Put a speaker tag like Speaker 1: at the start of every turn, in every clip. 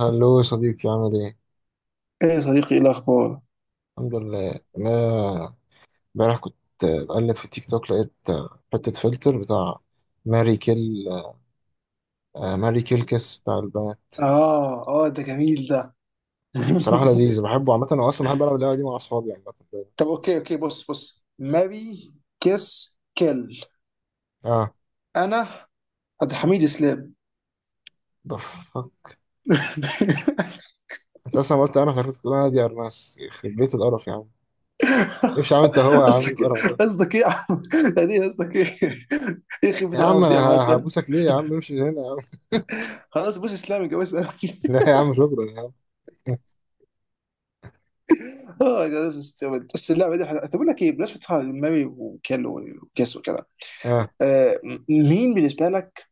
Speaker 1: هلو يا صديقي، عامل ايه؟
Speaker 2: ايه يا صديقي، ايه الاخبار؟
Speaker 1: الحمد لله. انا امبارح كنت بقلب في تيك توك، لقيت حتة فلتر بتاع ماري كيل. ماري كيل كيس بتاع البنات.
Speaker 2: اه اه، ده جميل ده.
Speaker 1: بصراحة لذيذ، بحبه عامة. انا اصلا بحب العب اللعبة دي مع اصحابي يعني، عامة دايما.
Speaker 2: طب اوكي اوكي، بص بص ماري كيس كيل.
Speaker 1: اه،
Speaker 2: انا عبد الحميد اسلام.
Speaker 1: ده انت اصلا قلت. انا فكرت تقول انا دي ارناس. يخرب بيت القرف يا عم، امشي يا عم. انت هو يا عم
Speaker 2: قصدك ايه؟
Speaker 1: القرف ده.
Speaker 2: قصدك ايه يا عم؟ يعني ايه؟ قصدك ايه؟ ايه خيبه
Speaker 1: يا عم
Speaker 2: القرف
Speaker 1: انا
Speaker 2: دي يا ابو حسن؟
Speaker 1: هبوسك ليه يا عم؟ امشي من هنا يا عم.
Speaker 2: خلاص بص اسلام، يا اسلام.
Speaker 1: لا يا عم، شكرا يا عم.
Speaker 2: اه خلاص استوعبت. بس اللعبه دي حلوه. طب اقول لك ايه، بالنسبه ماري وكيل وكيس وكده.
Speaker 1: اه
Speaker 2: آه، مين بالنسبه لك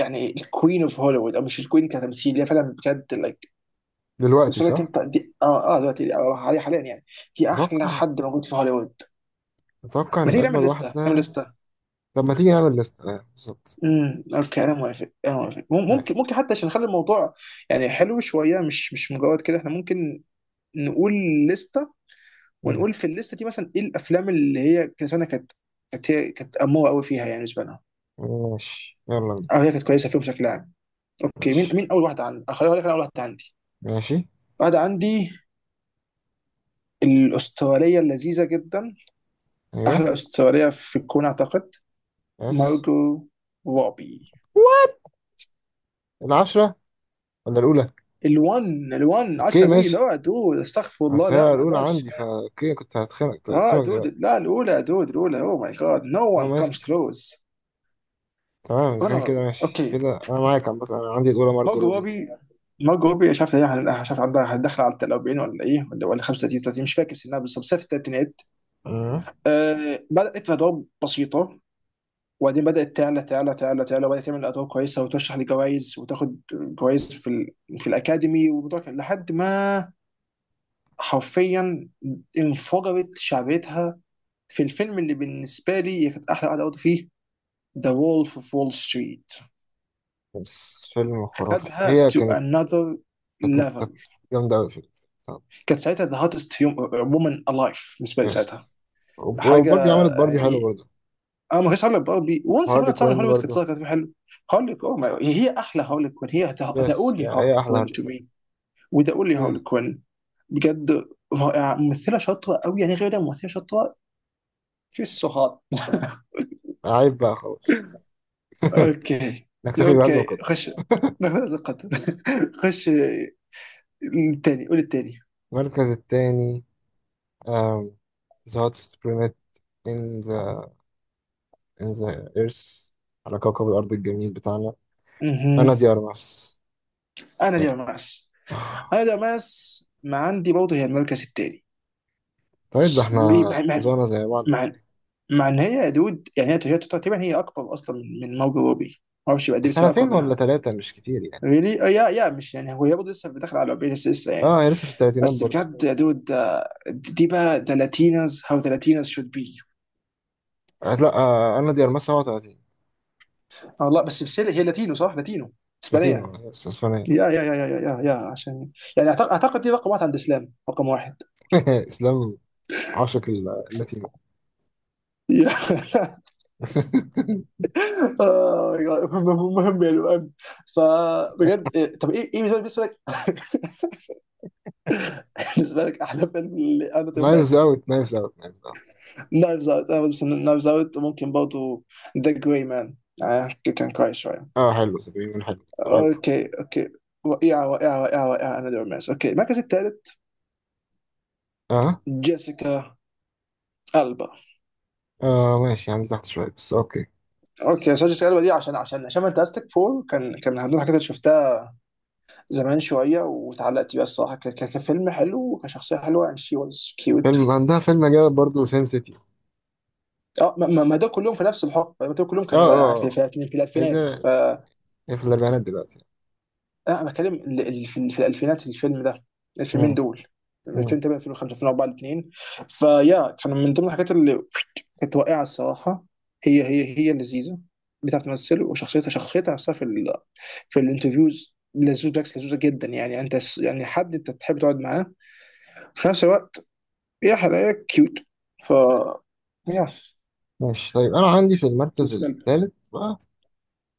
Speaker 2: يعني الكوين اوف هوليوود؟ او مش الكوين كتمثيل، هي فعلا بجد like
Speaker 1: دلوقتي
Speaker 2: بس لك
Speaker 1: صح؟
Speaker 2: انت دي. اه دلوقتي دي حاليا حاليا يعني، دي احلى
Speaker 1: اتوقع
Speaker 2: حد موجود في هوليوود.
Speaker 1: اتوقع
Speaker 2: ما
Speaker 1: ان
Speaker 2: تيجي نعمل
Speaker 1: اجمد واحد
Speaker 2: لسته، نعمل
Speaker 1: ده.
Speaker 2: لسته.
Speaker 1: طب ما تيجي نعمل ليست؟ بالظبط.
Speaker 2: اوكي، انا موافق، انا موافق. ممكن
Speaker 1: ماشي.
Speaker 2: ممكن حتى عشان نخلي الموضوع يعني حلو شويه، مش مجرد كده. احنا ممكن نقول لسته،
Speaker 1: مم.
Speaker 2: ونقول في الليسته دي مثلا ايه الافلام اللي هي كانت كانت هي كانت اموره قوي فيها، يعني بالنسبه لنا،
Speaker 1: ماشي يلا بينا.
Speaker 2: او هي كانت كويسه فيهم بشكل عام. اوكي، مين
Speaker 1: ماشي
Speaker 2: مين اول واحده عندي؟ اخليها لك. انا اول واحده عندي،
Speaker 1: ماشي.
Speaker 2: واحده عندي، الاستراليه اللذيذه جدا،
Speaker 1: ايوه.
Speaker 2: احلى استراليه في الكون اعتقد،
Speaker 1: بس
Speaker 2: مارجو روبي.
Speaker 1: العشرة ولا الأولى؟
Speaker 2: الون
Speaker 1: اوكي
Speaker 2: 10 مين؟
Speaker 1: ماشي.
Speaker 2: اه دود استغفر الله،
Speaker 1: بس
Speaker 2: لا
Speaker 1: هي
Speaker 2: ما
Speaker 1: الأولى
Speaker 2: اقدرش.
Speaker 1: عندي فا اوكي. كنت هتخانق طيب،
Speaker 2: اه
Speaker 1: سيبك
Speaker 2: دود،
Speaker 1: دلوقتي.
Speaker 2: لا الاولى يا دود الاولى. اوه ماي جاد، نو
Speaker 1: اه
Speaker 2: وان كمز
Speaker 1: ماشي.
Speaker 2: كلوز.
Speaker 1: تمام، إذا
Speaker 2: انا
Speaker 1: كان كده
Speaker 2: روبي،
Speaker 1: ماشي
Speaker 2: اوكي.
Speaker 1: كده. أنا معاك عم، بس أنا عندي الأولى مارجو
Speaker 2: مارجو
Speaker 1: روبي.
Speaker 2: روبي. مارجو روبي شاف شاف عندها، داخله على 40 ولا ايه، ولا ولا 35 30، مش فاكر سنها بالظبط بس في الثلاثينات.
Speaker 1: مم.
Speaker 2: آه، بدات في ادوار بسيطه، وبعدين بدات تعلى وبدات تعمل ادوار كويسه، وترشح لجوائز وتاخد جوائز في الاكاديمي. والموضوع كان لحد ما حرفيا انفجرت شعبيتها في الفيلم اللي بالنسبه لي هي كانت احلى قعده قعدت فيه، ذا وولف اوف وول ستريت.
Speaker 1: بس فيلم خرافي
Speaker 2: خدها
Speaker 1: هي
Speaker 2: تو
Speaker 1: كانت.
Speaker 2: انذر
Speaker 1: كانت
Speaker 2: ليفل.
Speaker 1: كانت جامدة أوي فيلم. طب.
Speaker 2: كانت ساعتها ذا هاتست وومن الايف بالنسبه لي ساعتها.
Speaker 1: يس.
Speaker 2: حاجه
Speaker 1: وباربي عملت باربي حلو
Speaker 2: يعني،
Speaker 1: برضه.
Speaker 2: انا ما كنتش هقول لك برضه وانس ابون
Speaker 1: هارلي
Speaker 2: ا تايم
Speaker 1: كوين
Speaker 2: هوليوود، كانت
Speaker 1: برضه.
Speaker 2: طالعه، كانت في حلو. هقول لك، اوه هي احلى هقول كوين. هي ذا
Speaker 1: يس هي.
Speaker 2: اونلي هقول
Speaker 1: هي أحلى
Speaker 2: كوين
Speaker 1: هارلي
Speaker 2: تو
Speaker 1: كوين.
Speaker 2: مي. وذا اونلي هقول
Speaker 1: مم.
Speaker 2: كوين بجد. رائعه، ممثله شاطره قوي، يعني غير ده ممثله شاطره. شيز سو هات.
Speaker 1: عيب بقى، خلاص.
Speaker 2: اوكي.
Speaker 1: نكتفي بهذا
Speaker 2: اوكي
Speaker 1: القدر.
Speaker 2: خش، ناخذ هذا القدر. خش، الثاني، قول الثاني.
Speaker 1: المركز الثاني. um, the hottest planet in the earth. على كوكب الأرض الجميل بتاعنا.
Speaker 2: مهم.
Speaker 1: أنا دي أرمس.
Speaker 2: انا دي
Speaker 1: إيه.
Speaker 2: ماس. انا دي ماس ما عندي برضه هي المركز الثاني.
Speaker 1: طيب، ده
Speaker 2: س-
Speaker 1: احنا
Speaker 2: مع
Speaker 1: زورنا زي بعض.
Speaker 2: مع مع ان هي يا دود، يعني هي تقريبا هي اكبر اصلا من موجو روبي. ما اعرفش، يبقى دي بس هي اكبر
Speaker 1: سنتين ولا
Speaker 2: منها.
Speaker 1: ثلاثة، مش كتير يعني.
Speaker 2: ريلي؟ يا يا مش يعني، هو هي برضه لسه داخل على روبي، لسه يعني.
Speaker 1: اه، هي لسه في الثلاثينات
Speaker 2: بس
Speaker 1: برضه.
Speaker 2: بجد يا دود، دي دي بقى ذا لاتينوز، هاو ذا لاتينوز شود بي.
Speaker 1: آه لا، أنا دي أرمس 37.
Speaker 2: اه لا، بس هي لاتينو، صح، لاتينو اسبانيه.
Speaker 1: لاتينو، بس اسبانية.
Speaker 2: يا يا يا يا يا يا يا عشان يعني، أعتقد دي رقم واحد عند الإسلام، رقم واحد.
Speaker 1: إسلام عاشق اللاتينو.
Speaker 2: يا- آه، مهم مهم يا جدعان. فبجد طب إيه بالنسبة لك بالنسبة لك، أحلى فيلم لأناتومي
Speaker 1: نايفز
Speaker 2: ماس؟
Speaker 1: اوت، نايفز اوت، نايفز اوت.
Speaker 2: نايفز أوت، أنا بس نايفز أوت ممكن برضه ذا جراي مان، كان كويس شوية.
Speaker 1: اه حلو، سبعين حلو. حلو.
Speaker 2: اوكي اوكي، رائعة رائعة رائعة رائعة، انا دور ماس اوكي. المركز الثالث،
Speaker 1: اه
Speaker 2: جيسيكا البا.
Speaker 1: اه ماشي. يعني تحت شوية بس اوكي.
Speaker 2: اوكي، سو جيسيكا البا دي عشان فانتاستيك فور كان كان من ضمن الحاجات اللي شفتها زمان شويه، واتعلقت بيها الصراحه كفيلم حلو، وكشخصيه حلوه، يعني شي واز كيوت.
Speaker 1: فيلم عندها فيلم جامد برضه، سين سيتي.
Speaker 2: اه ما دول كلهم في نفس الحقبه، ما دول كلهم
Speaker 1: اه
Speaker 2: كانوا يعني
Speaker 1: اه آه.
Speaker 2: في
Speaker 1: ايه
Speaker 2: الالفينات
Speaker 1: ده؟
Speaker 2: ف
Speaker 1: هي في الاربعينات دلوقتي.
Speaker 2: انا بتكلم في الالفينات الفيلم ده، الفيلمين
Speaker 1: مم.
Speaker 2: دول
Speaker 1: مم.
Speaker 2: 2008 2005 2004 الاثنين. فيا كانوا من ضمن الحاجات اللي كانت واقعه الصراحه. هي هي لذيذه، بتعرف تمثل، وشخصيتها نفسها في ال، في الانترفيوز لذوذ، بالعكس لذوذه جدا، يعني انت يعني حد انت تحب تقعد معاه في نفس الوقت، هي حلاقة كيوت. ف يا،
Speaker 1: ماشي. طيب انا عندي في المركز
Speaker 2: بالنسبة
Speaker 1: الثالث بقى،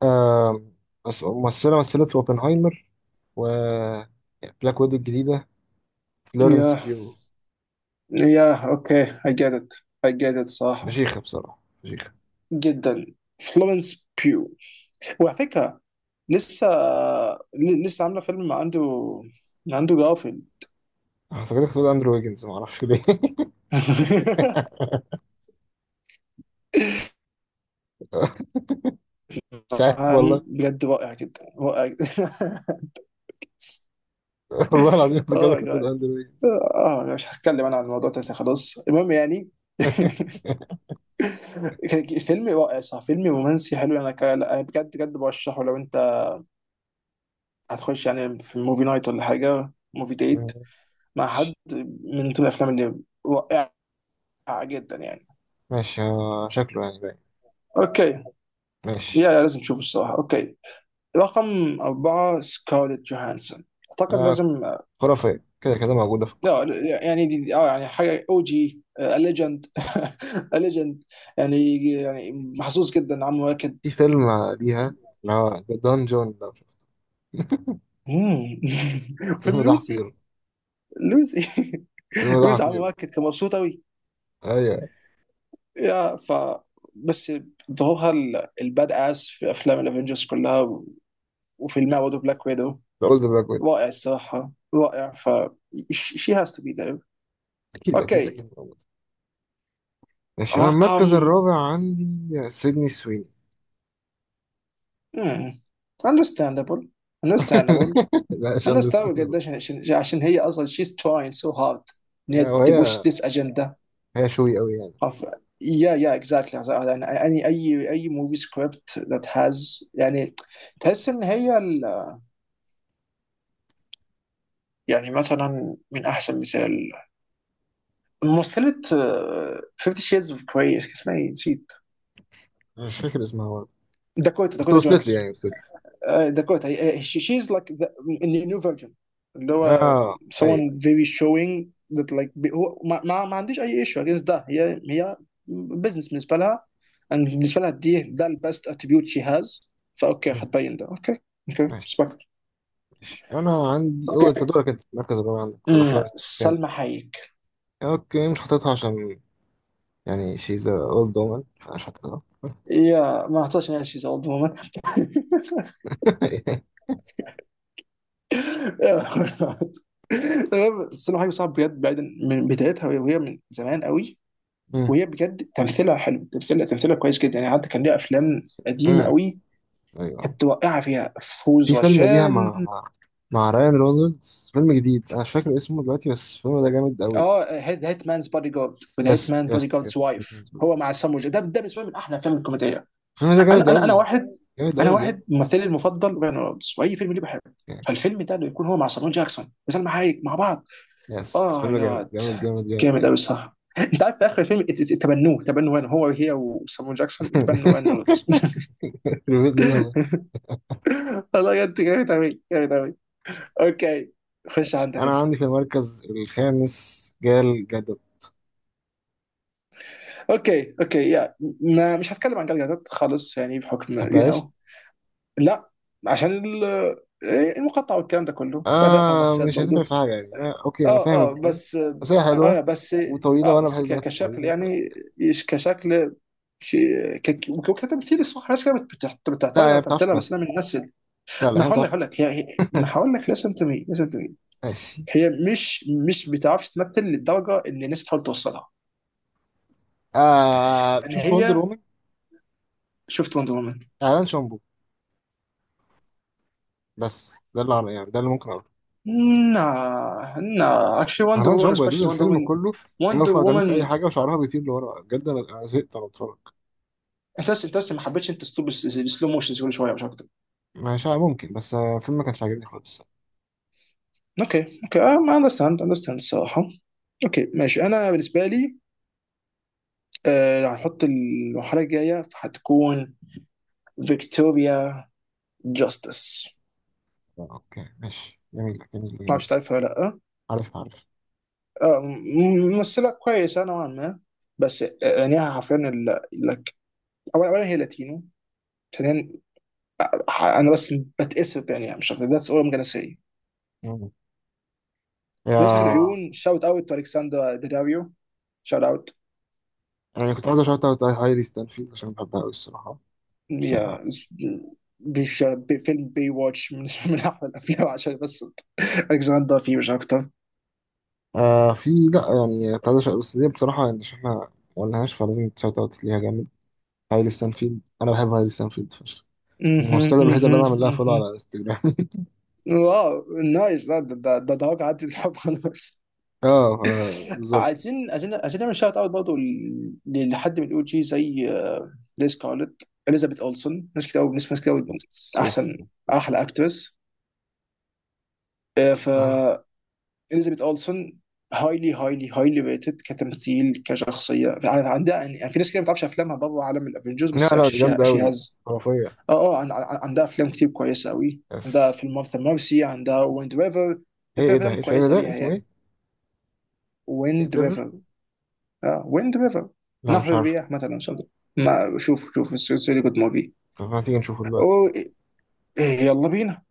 Speaker 1: آم، ممثلة مثلت في اوبنهايمر و بلاك ويدو الجديدة:
Speaker 2: لي.
Speaker 1: فلورنس
Speaker 2: يا
Speaker 1: بيو.
Speaker 2: يا اوكي I get it I get it، صراحة
Speaker 1: فشيخة بصراحة، فشيخة.
Speaker 2: جدا، فلورنس بيو. وعلى فكرة لسه، لسه عاملة فيلم مع اندرو، مع اندرو جارفيلد.
Speaker 1: أنا افتكرتك هتقول اندرو ويجنز، معرفش ليه. مش عارف والله.
Speaker 2: بجد رائع جدا رائع جدا.
Speaker 1: والله العظيم
Speaker 2: اوه
Speaker 1: افتكرتك
Speaker 2: ماي
Speaker 1: هتقول
Speaker 2: جاد،
Speaker 1: اندرو ويجنز.
Speaker 2: اه أنا مش هتكلم عن الموضوع ده، خلاص، المهم يعني. كان فيلم رائع، صح، فيلم رومانسي حلو. انا لا، بجد بجد برشحه لو انت هتخش يعني في موفي نايت ولا حاجه، موفي ديت
Speaker 1: ماشي.
Speaker 2: مع حد. من ضمن الافلام اللي رائعه جدا يعني.
Speaker 1: ماشي، شكله يعني باين.
Speaker 2: اوكي
Speaker 1: ماشي،
Speaker 2: يا، لازم تشوفه الصراحه. اوكي، رقم أربعة سكارليت جوهانسون، أعتقد
Speaker 1: آه،
Speaker 2: لازم.
Speaker 1: خرافية كده كده، موجودة في
Speaker 2: لا
Speaker 1: القائمة.
Speaker 2: لا، يعني اه يعني حاجة أو جي ليجند، ليجند يعني، يعني محظوظ جدا عم واكد.
Speaker 1: في فيلم ليها، اللي هو ذا دانجون لو شفت.
Speaker 2: مم. فيلم
Speaker 1: الفيلم ده
Speaker 2: لوسي.
Speaker 1: حقير.
Speaker 2: لوسي
Speaker 1: الفيلم ده
Speaker 2: لوسي، عم
Speaker 1: حقير.
Speaker 2: واكد كان مبسوط أوي.
Speaker 1: ايوه.
Speaker 2: يا ف، بس ظهورها الباد اس في افلام الافنجرز كلها، وفيلمها برضه بلاك ويدو،
Speaker 1: اقول ده بقى كويس.
Speaker 2: رائع الصراحه، رائع. ف شي هاز تو بي ذير.
Speaker 1: اكيد اكيد
Speaker 2: اوكي.
Speaker 1: اكيد، موجود. ماشي. انا
Speaker 2: رقم
Speaker 1: المركز الرابع عندي سيدني سويني.
Speaker 2: مم. understandable، understandable.
Speaker 1: لا، مش
Speaker 2: انا استوعب
Speaker 1: اندرستاندبل.
Speaker 2: قديش، عشان هي اصلا she's trying so hard ان هي تبوش
Speaker 1: وهي،
Speaker 2: this agenda
Speaker 1: هي شوي قوي يعني.
Speaker 2: of. يا يا اكزاكتلي يعني، اي موفي سكريبت ذات هاز، يعني تحس ان هي يعني مثلا من احسن مثال، ممثلة فيفتي شيدز اوف جراي، اسمها ايه نسيت؟
Speaker 1: أنا مش فاكر اسمها برضه.
Speaker 2: داكوتا
Speaker 1: بس
Speaker 2: داكوتا
Speaker 1: وصلت لي
Speaker 2: جونز.
Speaker 1: يعني، وصلت لي.
Speaker 2: داكوتا شي از لايك ذا نيو فيرجن، اللي هو
Speaker 1: اه ايوه.
Speaker 2: someone very showing that like هو ما عنديش اي ايشو against ده، هي بزنس بالنسبة لها، and بالنسبة لها دي ده البست اتريبيوت شي هاز. فاوكي،
Speaker 1: مم.
Speaker 2: هتبين ده، اوكي اوكي
Speaker 1: ماشي.
Speaker 2: respect.
Speaker 1: ماشي انا عندي.
Speaker 2: اوكي.
Speaker 1: هو انت دورك. انت المركز الرابع عندك ولا خامس؟
Speaker 2: سلمى
Speaker 1: خامس.
Speaker 2: حايك.
Speaker 1: اوكي، مش حاططها عشان يعني شيز اولد وومن، فمش حاططها.
Speaker 2: يا ما اعتقدش ان هي شيز اولد وومن. تمام، بس انا حاجه صعب بجد، بعيدا من بدايتها وهي من زمان قوي، وهي بجد تمثيلها حلو، تمثيلها كويس جدا يعني. حتى كان ليها افلام قديمه
Speaker 1: مم.
Speaker 2: قوي،
Speaker 1: ايوه.
Speaker 2: كانت واقعه فيها فوز
Speaker 1: في فيلم ليها
Speaker 2: غشان.
Speaker 1: مع رايان رونالدز، فيلم جديد انا مش فاكر اسمه دلوقتي، بس الفيلم ده جامد قوي.
Speaker 2: اه هيت مانز بودي جارد، وذا هيت
Speaker 1: يس
Speaker 2: مان بودي
Speaker 1: يس
Speaker 2: جاردز
Speaker 1: يس. الفيلم
Speaker 2: وايف، هو مع ده ده بالنسبه لي من احلى الافلام الكوميديه.
Speaker 1: ده جامد
Speaker 2: انا انا انا
Speaker 1: قوي.
Speaker 2: واحد
Speaker 1: جامد
Speaker 2: انا
Speaker 1: قوي بجد
Speaker 2: واحد ممثلي المفضل ريان رولدز، واي فيلم ليه بحبه،
Speaker 1: يعني.
Speaker 2: فالفيلم ده انه يكون هو مع سامو جاكسون وسلمى حايك مع بعض.
Speaker 1: يس،
Speaker 2: اه
Speaker 1: فيلم جامد
Speaker 2: ياد،
Speaker 1: جامد جامد جامد
Speaker 2: جامد قوي
Speaker 1: يعني.
Speaker 2: الصراحه. انت عارف في اخر الفيلم، اتبنوه، تبنوا هنا هو هي وسامو جاكسون، اتبنوا هان رولز.
Speaker 1: بجد لا.
Speaker 2: والله بجد جامد قوي جامد قوي. اوكي، خش عندك
Speaker 1: انا
Speaker 2: انت.
Speaker 1: عندي في المركز الخامس جال جادوت.
Speaker 2: اوكي اوكي يا، ما مش هتكلم عن جلجلتات خالص، يعني بحكم يو you نو
Speaker 1: تحبهاش؟
Speaker 2: know. لا، عشان المقطع والكلام ده كله، فنقطع
Speaker 1: آه،
Speaker 2: مسات
Speaker 1: مش هتفرق
Speaker 2: برضه.
Speaker 1: في حاجة يعني. آه اوكي، انا فاهم
Speaker 2: اه
Speaker 1: البوينت.
Speaker 2: بس،
Speaker 1: بس هي حلوة
Speaker 2: اه بس،
Speaker 1: وطويلة،
Speaker 2: اه
Speaker 1: وانا بحب
Speaker 2: بس
Speaker 1: البنات
Speaker 2: كشكل
Speaker 1: الطويلة ف...
Speaker 2: يعني، كشكل شيء، وكتمثيل الصراحه. ناس كده بتعترض
Speaker 1: لا هي ما
Speaker 2: على
Speaker 1: بتعرفش
Speaker 2: تمثيلها، بس
Speaker 1: تمثل.
Speaker 2: انا من الناس.
Speaker 1: لا لا،
Speaker 2: انا
Speaker 1: هي ما
Speaker 2: هقول لك،
Speaker 1: بتعرفش.
Speaker 2: انا هقول لك لسن تو مي، لسن تو مي.
Speaker 1: ماشي.
Speaker 2: هي مش بتعرفش تمثل للدرجه اللي الناس بتحاول توصلها. يعني
Speaker 1: شفت وندر
Speaker 2: هي،
Speaker 1: وومن؟
Speaker 2: شفت وندر وومن؟
Speaker 1: اعلان شامبو. بس ده اللي يعني ده اللي ممكن اقوله.
Speaker 2: نا نا اكشلي وندر
Speaker 1: اعلان
Speaker 2: وومن،
Speaker 1: شامبو يا دود،
Speaker 2: سبيشلي وندر
Speaker 1: الفيلم
Speaker 2: وومن،
Speaker 1: كله هي
Speaker 2: وندر
Speaker 1: واقفه ما بتعملش اي
Speaker 2: وومن.
Speaker 1: حاجه وشعرها بيطير لورا. بجد أنا زهقت وانا بتفرج.
Speaker 2: انت بس، انت بس ما حبيتش انت اسلوب السلو موشنز كل شويه، مش اكتر.
Speaker 1: ماشي، ممكن. بس الفيلم ما كانش عاجبني خالص.
Speaker 2: اوكي اوكي، اه ما اندرستاند، اندرستاند الصراحه. اوكي ماشي. انا بالنسبه لي، هنحط المرحله الجايه فهتكون فيكتوريا جاستس.
Speaker 1: اوكي ماشي، جميل جميل
Speaker 2: ما اعرفش
Speaker 1: جميل.
Speaker 2: تعرفها ولا لا.
Speaker 1: عارف عارف.
Speaker 2: ممثلة كويسة نوعا ما، بس عينيها حرفيا لك. أولا هي لاتينو. ثانيا، أنا بس بتأسف بعينيها مش أكتر. ذاتس أول ممكن أسي.
Speaker 1: مم.
Speaker 2: بالنسبة
Speaker 1: يا.
Speaker 2: للعيون، شاوت أوت تو ألكسندرا داداريو، شاوت أوت.
Speaker 1: يعني كنت عايز اشوت اوت هايلي ستانفيلد، عشان بحبها قوي الصراحه. بس يعني
Speaker 2: هي بفيلم بي واتش، بالنسبة من أحلى الأفلام عشان بس ألكسندرا فيه، مش أكتر.
Speaker 1: في، لا، يعني كنت عايز بس دي بصراحه يعني، عشان احنا ما قلناهاش فلازم تشوت اوت ليها جامد. هايلي ستانفيلد، انا بحب هايلي ستانفيلد فشخ.
Speaker 2: مهم،
Speaker 1: الممثله الوحيده اللي انا
Speaker 2: مهم،
Speaker 1: عامل لها فولو
Speaker 2: مهم.
Speaker 1: على انستجرام.
Speaker 2: واو، نايس، ده ده ده ده ده عدت الحب خلاص.
Speaker 1: اه. آه، بالظبط.
Speaker 2: عايزين عايزين نعمل شوت اوت برضه لحد من الاو جي زي ليز سكارلت، اليزابيث اولسون، ناس كتير قوي، ناس كتير قوي
Speaker 1: بس اوف.
Speaker 2: احسن، احلى اكترس. ف
Speaker 1: اه.
Speaker 2: اليزابيث اولسون، هايلي ريتد كتمثيل كشخصيه. عندها يعني، في ناس كتير ما بتعرفش افلامها بره عالم الافنجرز،
Speaker 1: لا
Speaker 2: بس
Speaker 1: لا، دي
Speaker 2: اكشلي
Speaker 1: جامدة
Speaker 2: شي
Speaker 1: أوي،
Speaker 2: هاز.
Speaker 1: خرافية.
Speaker 2: عندها افلام كتير كويسه قوي، عندها
Speaker 1: بس
Speaker 2: فيلم مارثا مارسي، عندها ويند ريفر،
Speaker 1: ايه
Speaker 2: في
Speaker 1: ايه ده ايه
Speaker 2: افلام
Speaker 1: الفيلم
Speaker 2: كويسه
Speaker 1: ده
Speaker 2: ليها
Speaker 1: اسمه
Speaker 2: يعني.
Speaker 1: ايه؟ ايه
Speaker 2: ويند
Speaker 1: دريفر؟
Speaker 2: ريفر. اه، ويند ريفر.
Speaker 1: لا مش
Speaker 2: نهر
Speaker 1: عارفه.
Speaker 2: الرياح مثلا something. ما شوف شوف، سوري، جود موفي.
Speaker 1: طب ما تيجي نشوفه دلوقتي؟
Speaker 2: أوه، يلا بينا.